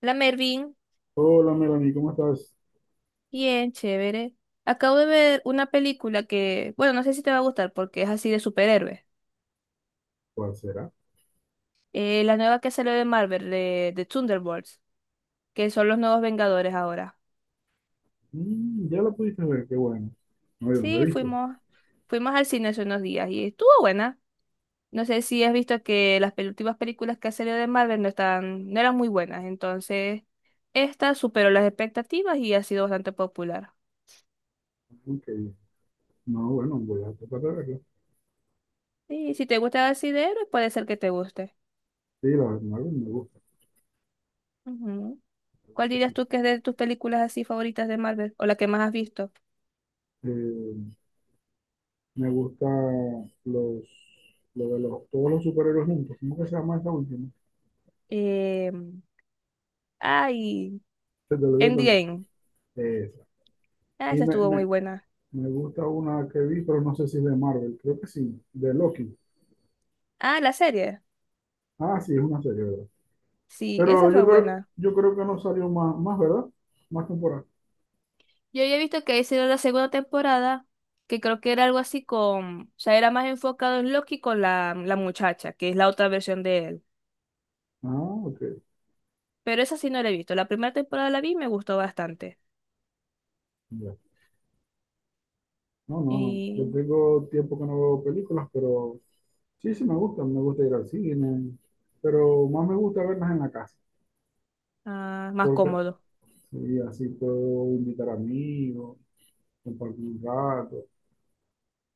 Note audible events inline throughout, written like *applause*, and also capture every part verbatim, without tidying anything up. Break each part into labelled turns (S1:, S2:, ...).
S1: La Mervin,
S2: Hola Melanie, ¿cómo estás?
S1: bien chévere. Acabo de ver una película que, bueno, no sé si te va a gustar porque es así de superhéroes.
S2: ¿Cuál será?
S1: Eh, la nueva que salió de Marvel, de, de Thunderbolts, que son los nuevos Vengadores ahora.
S2: Mm, ya la pudiste ver, qué bueno. No, yo no la
S1: Sí,
S2: he visto.
S1: fuimos, fuimos al cine hace unos días y estuvo buena. No sé si has visto que las pel- últimas películas que ha salido de Marvel no están, no eran muy buenas, entonces esta superó las expectativas y ha sido bastante popular.
S2: Ok. No, bueno, voy a tratar de verla.
S1: Sí, si te gusta así de héroes, puede ser que te guste.
S2: Sí, la verdad, me gusta,
S1: Ujú.
S2: la verdad
S1: ¿Cuál
S2: que
S1: dirías
S2: sí.
S1: tú que es de tus películas así favoritas de Marvel o la que más has visto?
S2: Eh, Me gusta los, lo de los, todos los superhéroes juntos. ¿Cómo que se llama esta última?
S1: Eh, ay,
S2: Se te lo dio también.
S1: Endgame.
S2: Esa.
S1: Ah,
S2: Y
S1: esa
S2: me,
S1: estuvo muy
S2: me,
S1: buena.
S2: me gusta una que vi, pero no sé si es de Marvel, creo que sí, de Loki.
S1: Ah, la serie.
S2: Ah, sí, es una serie, ¿verdad?
S1: Sí, esa
S2: Pero
S1: fue
S2: yo creo,
S1: buena.
S2: yo creo que no salió más, más, ¿verdad? Más temporada.
S1: Yo ya he visto que hicieron la segunda temporada, que creo que era algo así con, o sea, era más enfocado en Loki con la, la muchacha, que es la otra versión de él.
S2: Ah, ok.
S1: Pero esa sí no la he visto. La primera temporada la vi y me gustó bastante.
S2: Ya. No, no, no. Yo
S1: Y
S2: tengo tiempo que no veo películas, pero sí, sí me gustan. Me gusta ir al cine, pero más me gusta verlas en la casa,
S1: ah, más
S2: porque
S1: cómodo.
S2: sí, así puedo invitar amigos, compartir un rato.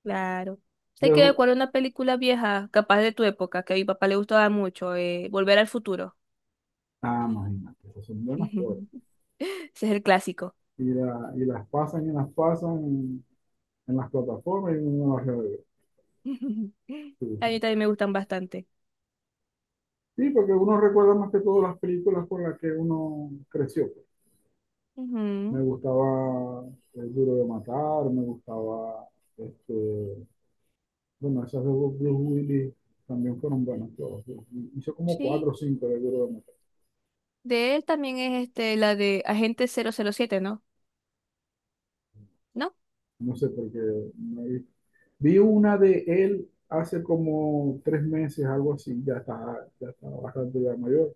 S1: Claro. Sé que
S2: Dejo,
S1: recuerdo una película vieja, capaz de tu época, que a mi papá le gustaba mucho, eh, Volver al futuro.
S2: ah, imagínate, esas son buenas cosas.
S1: *laughs* Ese es el clásico.
S2: Y, la- y las pasan y las pasan en, en las plataformas y uno las revive.
S1: *laughs*
S2: Sí, son
S1: A mí también me
S2: buenas.
S1: gustan bastante.
S2: Sí, porque uno recuerda más que todas las películas con las que uno creció, pues. Me
S1: Ujú,
S2: gustaba El Duro de Matar, me gustaba este, bueno, esas de Blue Willy también fueron buenas todas. Hizo como cuatro o
S1: sí.
S2: cinco de Duro de Matar.
S1: De él también es este, la de Agente cero cero siete, ¿no? ¿No?
S2: No sé por qué no vi. Vi una de él hace como tres meses, algo así. Ya está, ya está bastante ya mayor.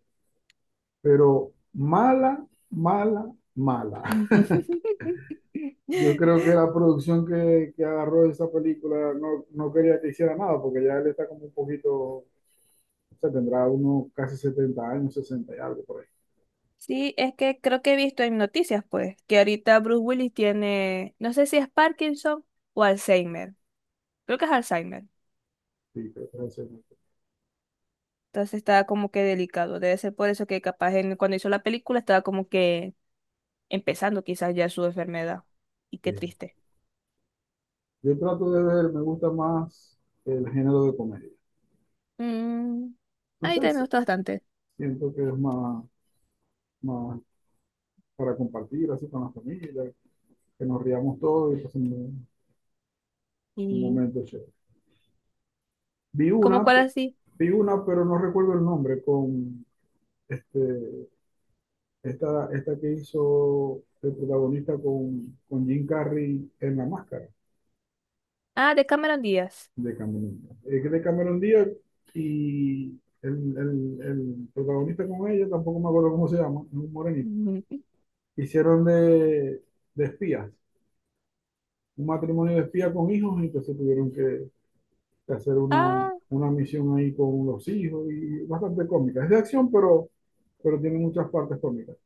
S2: Pero mala, mala, mala.
S1: *laughs*
S2: Yo creo que la producción que, que agarró esa película no, no quería que hiciera nada, porque ya él está como un poquito, o sea, tendrá unos casi setenta años, sesenta y algo por ahí.
S1: Sí, es que creo que he visto en noticias, pues, que ahorita Bruce Willis tiene, no sé si es Parkinson o Alzheimer. Creo que es Alzheimer.
S2: Sí, creo que es el setenta.
S1: Entonces estaba como que delicado. Debe ser por eso que capaz en- cuando hizo la película estaba como que empezando quizás ya su enfermedad. Y qué
S2: Sí.
S1: triste.
S2: Yo trato de ver, me gusta más el género de comedia.
S1: Mm,
S2: No
S1: ahí
S2: sé
S1: también me
S2: si
S1: gustó bastante.
S2: siento que es más, más para compartir así con la familia, que nos riamos todos y pasemos un, un
S1: ¿Y
S2: momento chévere. Vi
S1: como
S2: una,
S1: cuál así?
S2: vi una, pero no recuerdo el nombre, con este, esta, esta que hizo el protagonista con, con Jim Carrey en La Máscara
S1: Ah, de Cameron Díaz.
S2: de Cameron Díaz. Es de Cameron Díaz y el, el, el protagonista con ella, tampoco me acuerdo cómo se llama, es un
S1: *laughs*
S2: morenito,
S1: Mm,
S2: hicieron de, de espías, un matrimonio de espías con hijos, y entonces tuvieron que, que hacer una,
S1: ah,
S2: una misión ahí con los hijos y bastante cómica. Es de acción, pero, pero tiene muchas partes cómicas.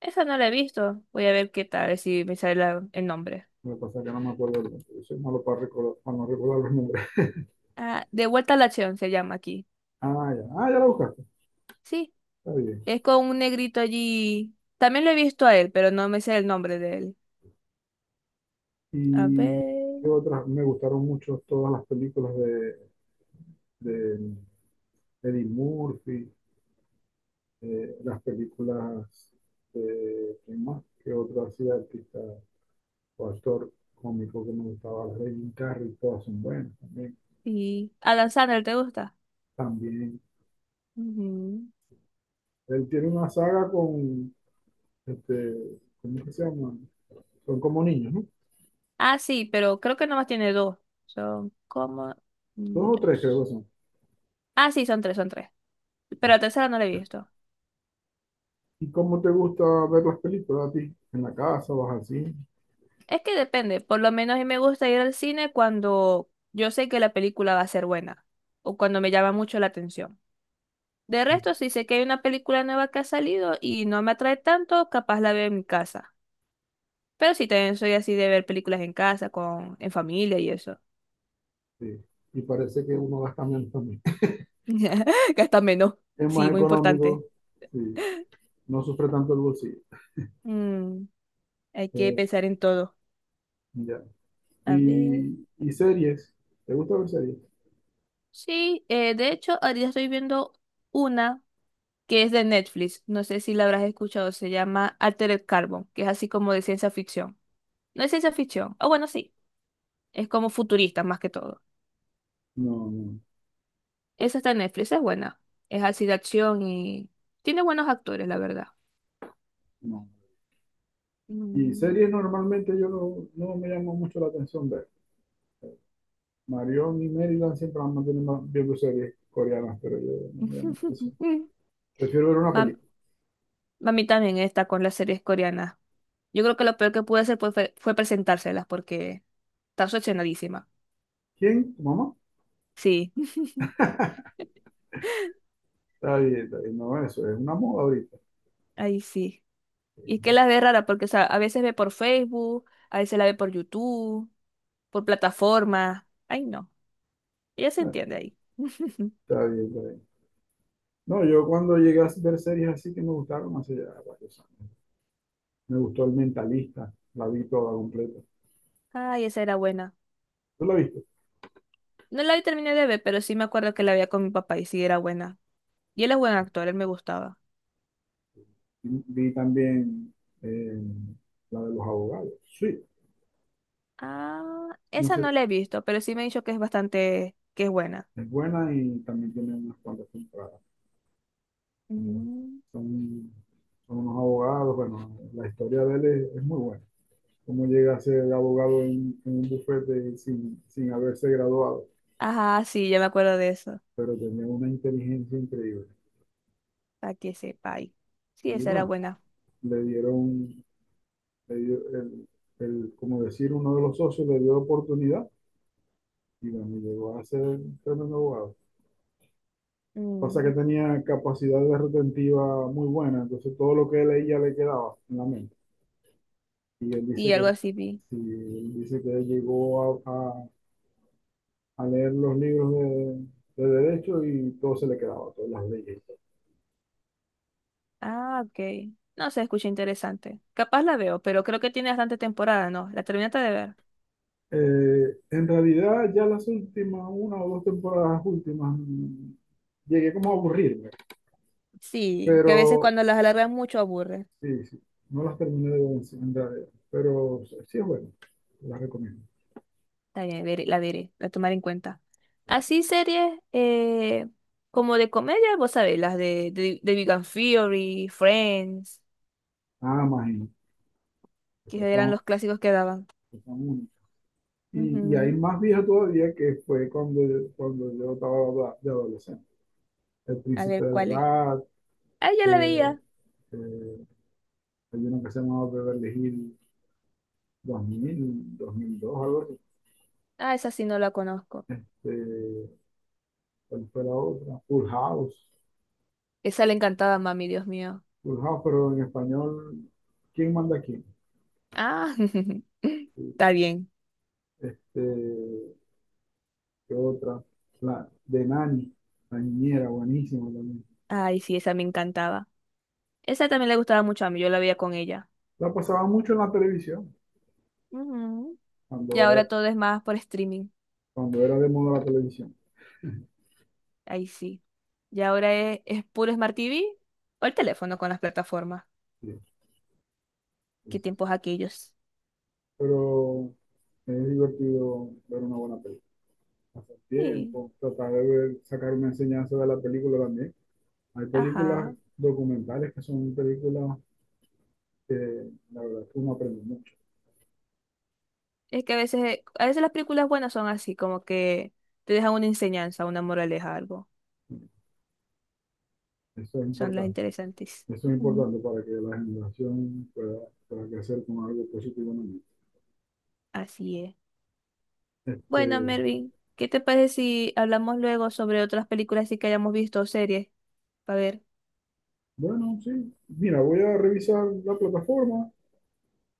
S1: esa no la he visto. Voy a ver qué tal, a ver si me sale la- el nombre.
S2: Lo que pasa es que no me acuerdo el nombre, yo soy malo para recordar, para no recordar los nombres.
S1: Ah, De vuelta a la acción se llama aquí.
S2: Ah, ya, ah, ya la buscaste,
S1: Sí,
S2: está bien.
S1: es con un negrito allí. También lo he visto a él, pero no me sé el nombre de él. A
S2: Y
S1: ver.
S2: qué otras, me gustaron mucho todas las películas de, de Eddie Murphy, eh, las películas de, ¿quién más? ¿Qué otro así artista? Actor cómico que me gustaba, Raymond Carrey, todas son buenas también.
S1: Y Adam Sandler, ¿te gusta?
S2: También,
S1: Ujú.
S2: él tiene una saga con, este, ¿cómo que se llama? Son como niños, ¿no?
S1: Ah, sí, pero creo que nomás tiene dos. Son como... mm,
S2: Dos o tres creo
S1: dos.
S2: que son.
S1: Ah, sí, son tres, son tres. Pero la tercera no la he visto.
S2: ¿Y cómo te gusta ver las películas a ti? ¿En la casa, vas así?
S1: Es que depende. Por lo menos a mí me gusta ir al cine cuando yo sé que la película va a ser buena o cuando me llama mucho la atención. De resto, si sé que hay una película nueva que ha salido y no me atrae tanto, capaz la veo en mi casa. Pero sí, también soy así de ver películas en casa, con, en familia y eso.
S2: Sí. Y parece que uno gasta menos también. *laughs*
S1: *laughs* Gasta menos.
S2: Es
S1: Sí,
S2: más
S1: muy importante.
S2: económico, sí. No sufre tanto el bolsillo.
S1: Mm, hay que
S2: Eh,
S1: pensar en todo.
S2: ya.
S1: A ver.
S2: ¿Y, y series? ¿Te gusta ver series?
S1: Sí, eh, de hecho, ahorita estoy viendo una que es de Netflix. No sé si la habrás escuchado. Se llama Altered Carbon, que es así como de ciencia ficción. No es ciencia ficción. O bueno, sí. Es como futurista más que todo.
S2: No, no,
S1: Esa está en Netflix, es buena. Es así de acción y tiene buenos actores, la verdad.
S2: no. Y series
S1: Mm.
S2: normalmente yo no, no me llamo mucho la atención ver. Marion y Maryland siempre han mantenido viendo series coreanas, pero yo no me llama la atención.
S1: *laughs*
S2: Prefiero ver una
S1: Mam-
S2: película.
S1: Mami también está con las series coreanas. Yo creo que lo peor que pude hacer pues, fue, fue presentárselas porque está obsesionadísima.
S2: ¿Quién? ¿Tu mamá?
S1: Sí. *laughs*
S2: Está bien, está bien. No, eso es una moda ahorita.
S1: Ahí sí. Y es que la ve rara porque, o sea, a veces ve por Facebook, a veces la ve por YouTube, por plataformas. Ay, no. Ella se
S2: Ah,
S1: entiende ahí. *laughs*
S2: está bien, está bien. No, yo cuando llegué a ver series así que me gustaron hace ya varios años. Me gustó El Mentalista, la vi toda completa.
S1: Ay, esa era buena.
S2: ¿Tú la viste?
S1: No la vi terminé de ver, pero sí me acuerdo que la veía con mi papá y sí era buena. Y él es buen actor, él me gustaba.
S2: Y vi también eh, la de los abogados. Sí,
S1: Ah,
S2: no
S1: esa
S2: sé,
S1: no la he visto, pero sí me ha dicho que es bastante, que es buena.
S2: es buena y también tiene unas cuantas temporadas.
S1: Mm.
S2: Son, son unos abogados, bueno, la historia de él es, es muy buena. Cómo llega a ser abogado en, en un bufete sin, sin haberse graduado,
S1: Ajá, sí, ya me acuerdo de eso.
S2: pero tenía una inteligencia increíble.
S1: Para que sepa ahí. Sí,
S2: Y
S1: esa era
S2: bueno,
S1: buena.
S2: le dieron, le dio el, el, como decir, uno de los socios le dio la oportunidad y bueno, llegó a ser un tremendo abogado. Pasa que
S1: Mm,
S2: tenía capacidad de retentiva muy buena, entonces todo lo que él leía le quedaba en la mente. Y él dice
S1: y
S2: que,
S1: algo así vi.
S2: sí, él dice que llegó a, a a leer los libros de, de derecho y todo se le quedaba, todas las leyes.
S1: Ah, ok. No se escucha interesante. Capaz la veo, pero creo que tiene bastante temporada, ¿no? ¿La terminaste de ver?
S2: Eh, en realidad, ya las últimas, una o dos temporadas últimas, mm, llegué como a aburrirme,
S1: Sí, que a veces
S2: pero
S1: cuando las alargan mucho aburre.
S2: sí, sí, no las terminé de ver en realidad, pero sí es bueno, las recomiendo.
S1: Está bien, veré- la veré, la tomaré en cuenta. Así series eh, como de comedia, vos sabés, las de, de, de Big Bang Theory, Friends,
S2: Nada más, y esas
S1: que eran
S2: son,
S1: los clásicos que daban.
S2: esas son únicas. Y, y hay
S1: Ujú.
S2: más vieja todavía que fue cuando yo, cuando yo estaba de adolescente. El
S1: A
S2: Príncipe
S1: ver,
S2: del
S1: ¿cuál es?
S2: Rat,
S1: Ah, ya la
S2: eh,
S1: veía.
S2: eh, hay uno que se llamaba Beverly Hills dos mil, dos mil dos, algo así.
S1: Ah, esa sí no la conozco.
S2: Eh, ¿cuál fue la otra? Full House.
S1: Esa le encantaba a mami, Dios mío.
S2: Full House, pero en español, ¿quién manda a quién?
S1: Ah, *laughs* está bien.
S2: Este, ¿qué otra? La de Nani, la niñera, buenísima también.
S1: Ay, sí, esa me encantaba. Esa también le gustaba mucho a mí, yo la veía con ella.
S2: La pasaba mucho en la televisión,
S1: Ujú. Y
S2: cuando
S1: ahora
S2: era,
S1: todo es más por streaming,
S2: cuando era de moda la televisión.
S1: ahí sí. Y ahora es, es puro Smart T V o el teléfono con las plataformas.
S2: Sí, sí,
S1: ¿Qué
S2: sí.
S1: tiempos aquellos?
S2: Pero es divertido ver una buena película. Pasar
S1: Sí,
S2: tiempo, tratar de ver- sacar una enseñanza de la película también. Hay películas
S1: ajá.
S2: documentales que son películas que la verdad es que uno aprende mucho.
S1: Es que a veces, a veces las películas buenas son así, como que te dejan una enseñanza, una moraleja, algo.
S2: Eso es
S1: Son las
S2: importante.
S1: interesantes.
S2: Eso es
S1: Ujú,
S2: importante para que la generación pueda, pueda crecer con algo positivo en el mundo.
S1: así es. Bueno,
S2: Este,
S1: Mervin, ¿qué te parece si hablamos luego sobre otras películas así que hayamos visto o series? A ver,
S2: bueno, sí. Mira, voy a revisar la plataforma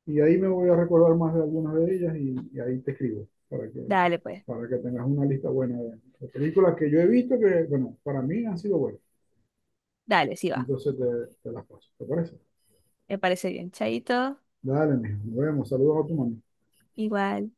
S2: y ahí me voy a recordar más de algunas de ellas y, y ahí te escribo para que,
S1: dale pues,
S2: para que tengas una lista buena de películas que yo he visto que, bueno, para mí han sido buenas.
S1: dale, sí va.
S2: Entonces te, te las paso. ¿Te parece?
S1: Me parece bien. Chaito,
S2: Dale, mijo. Nos vemos. Saludos a tu mamá.
S1: igual.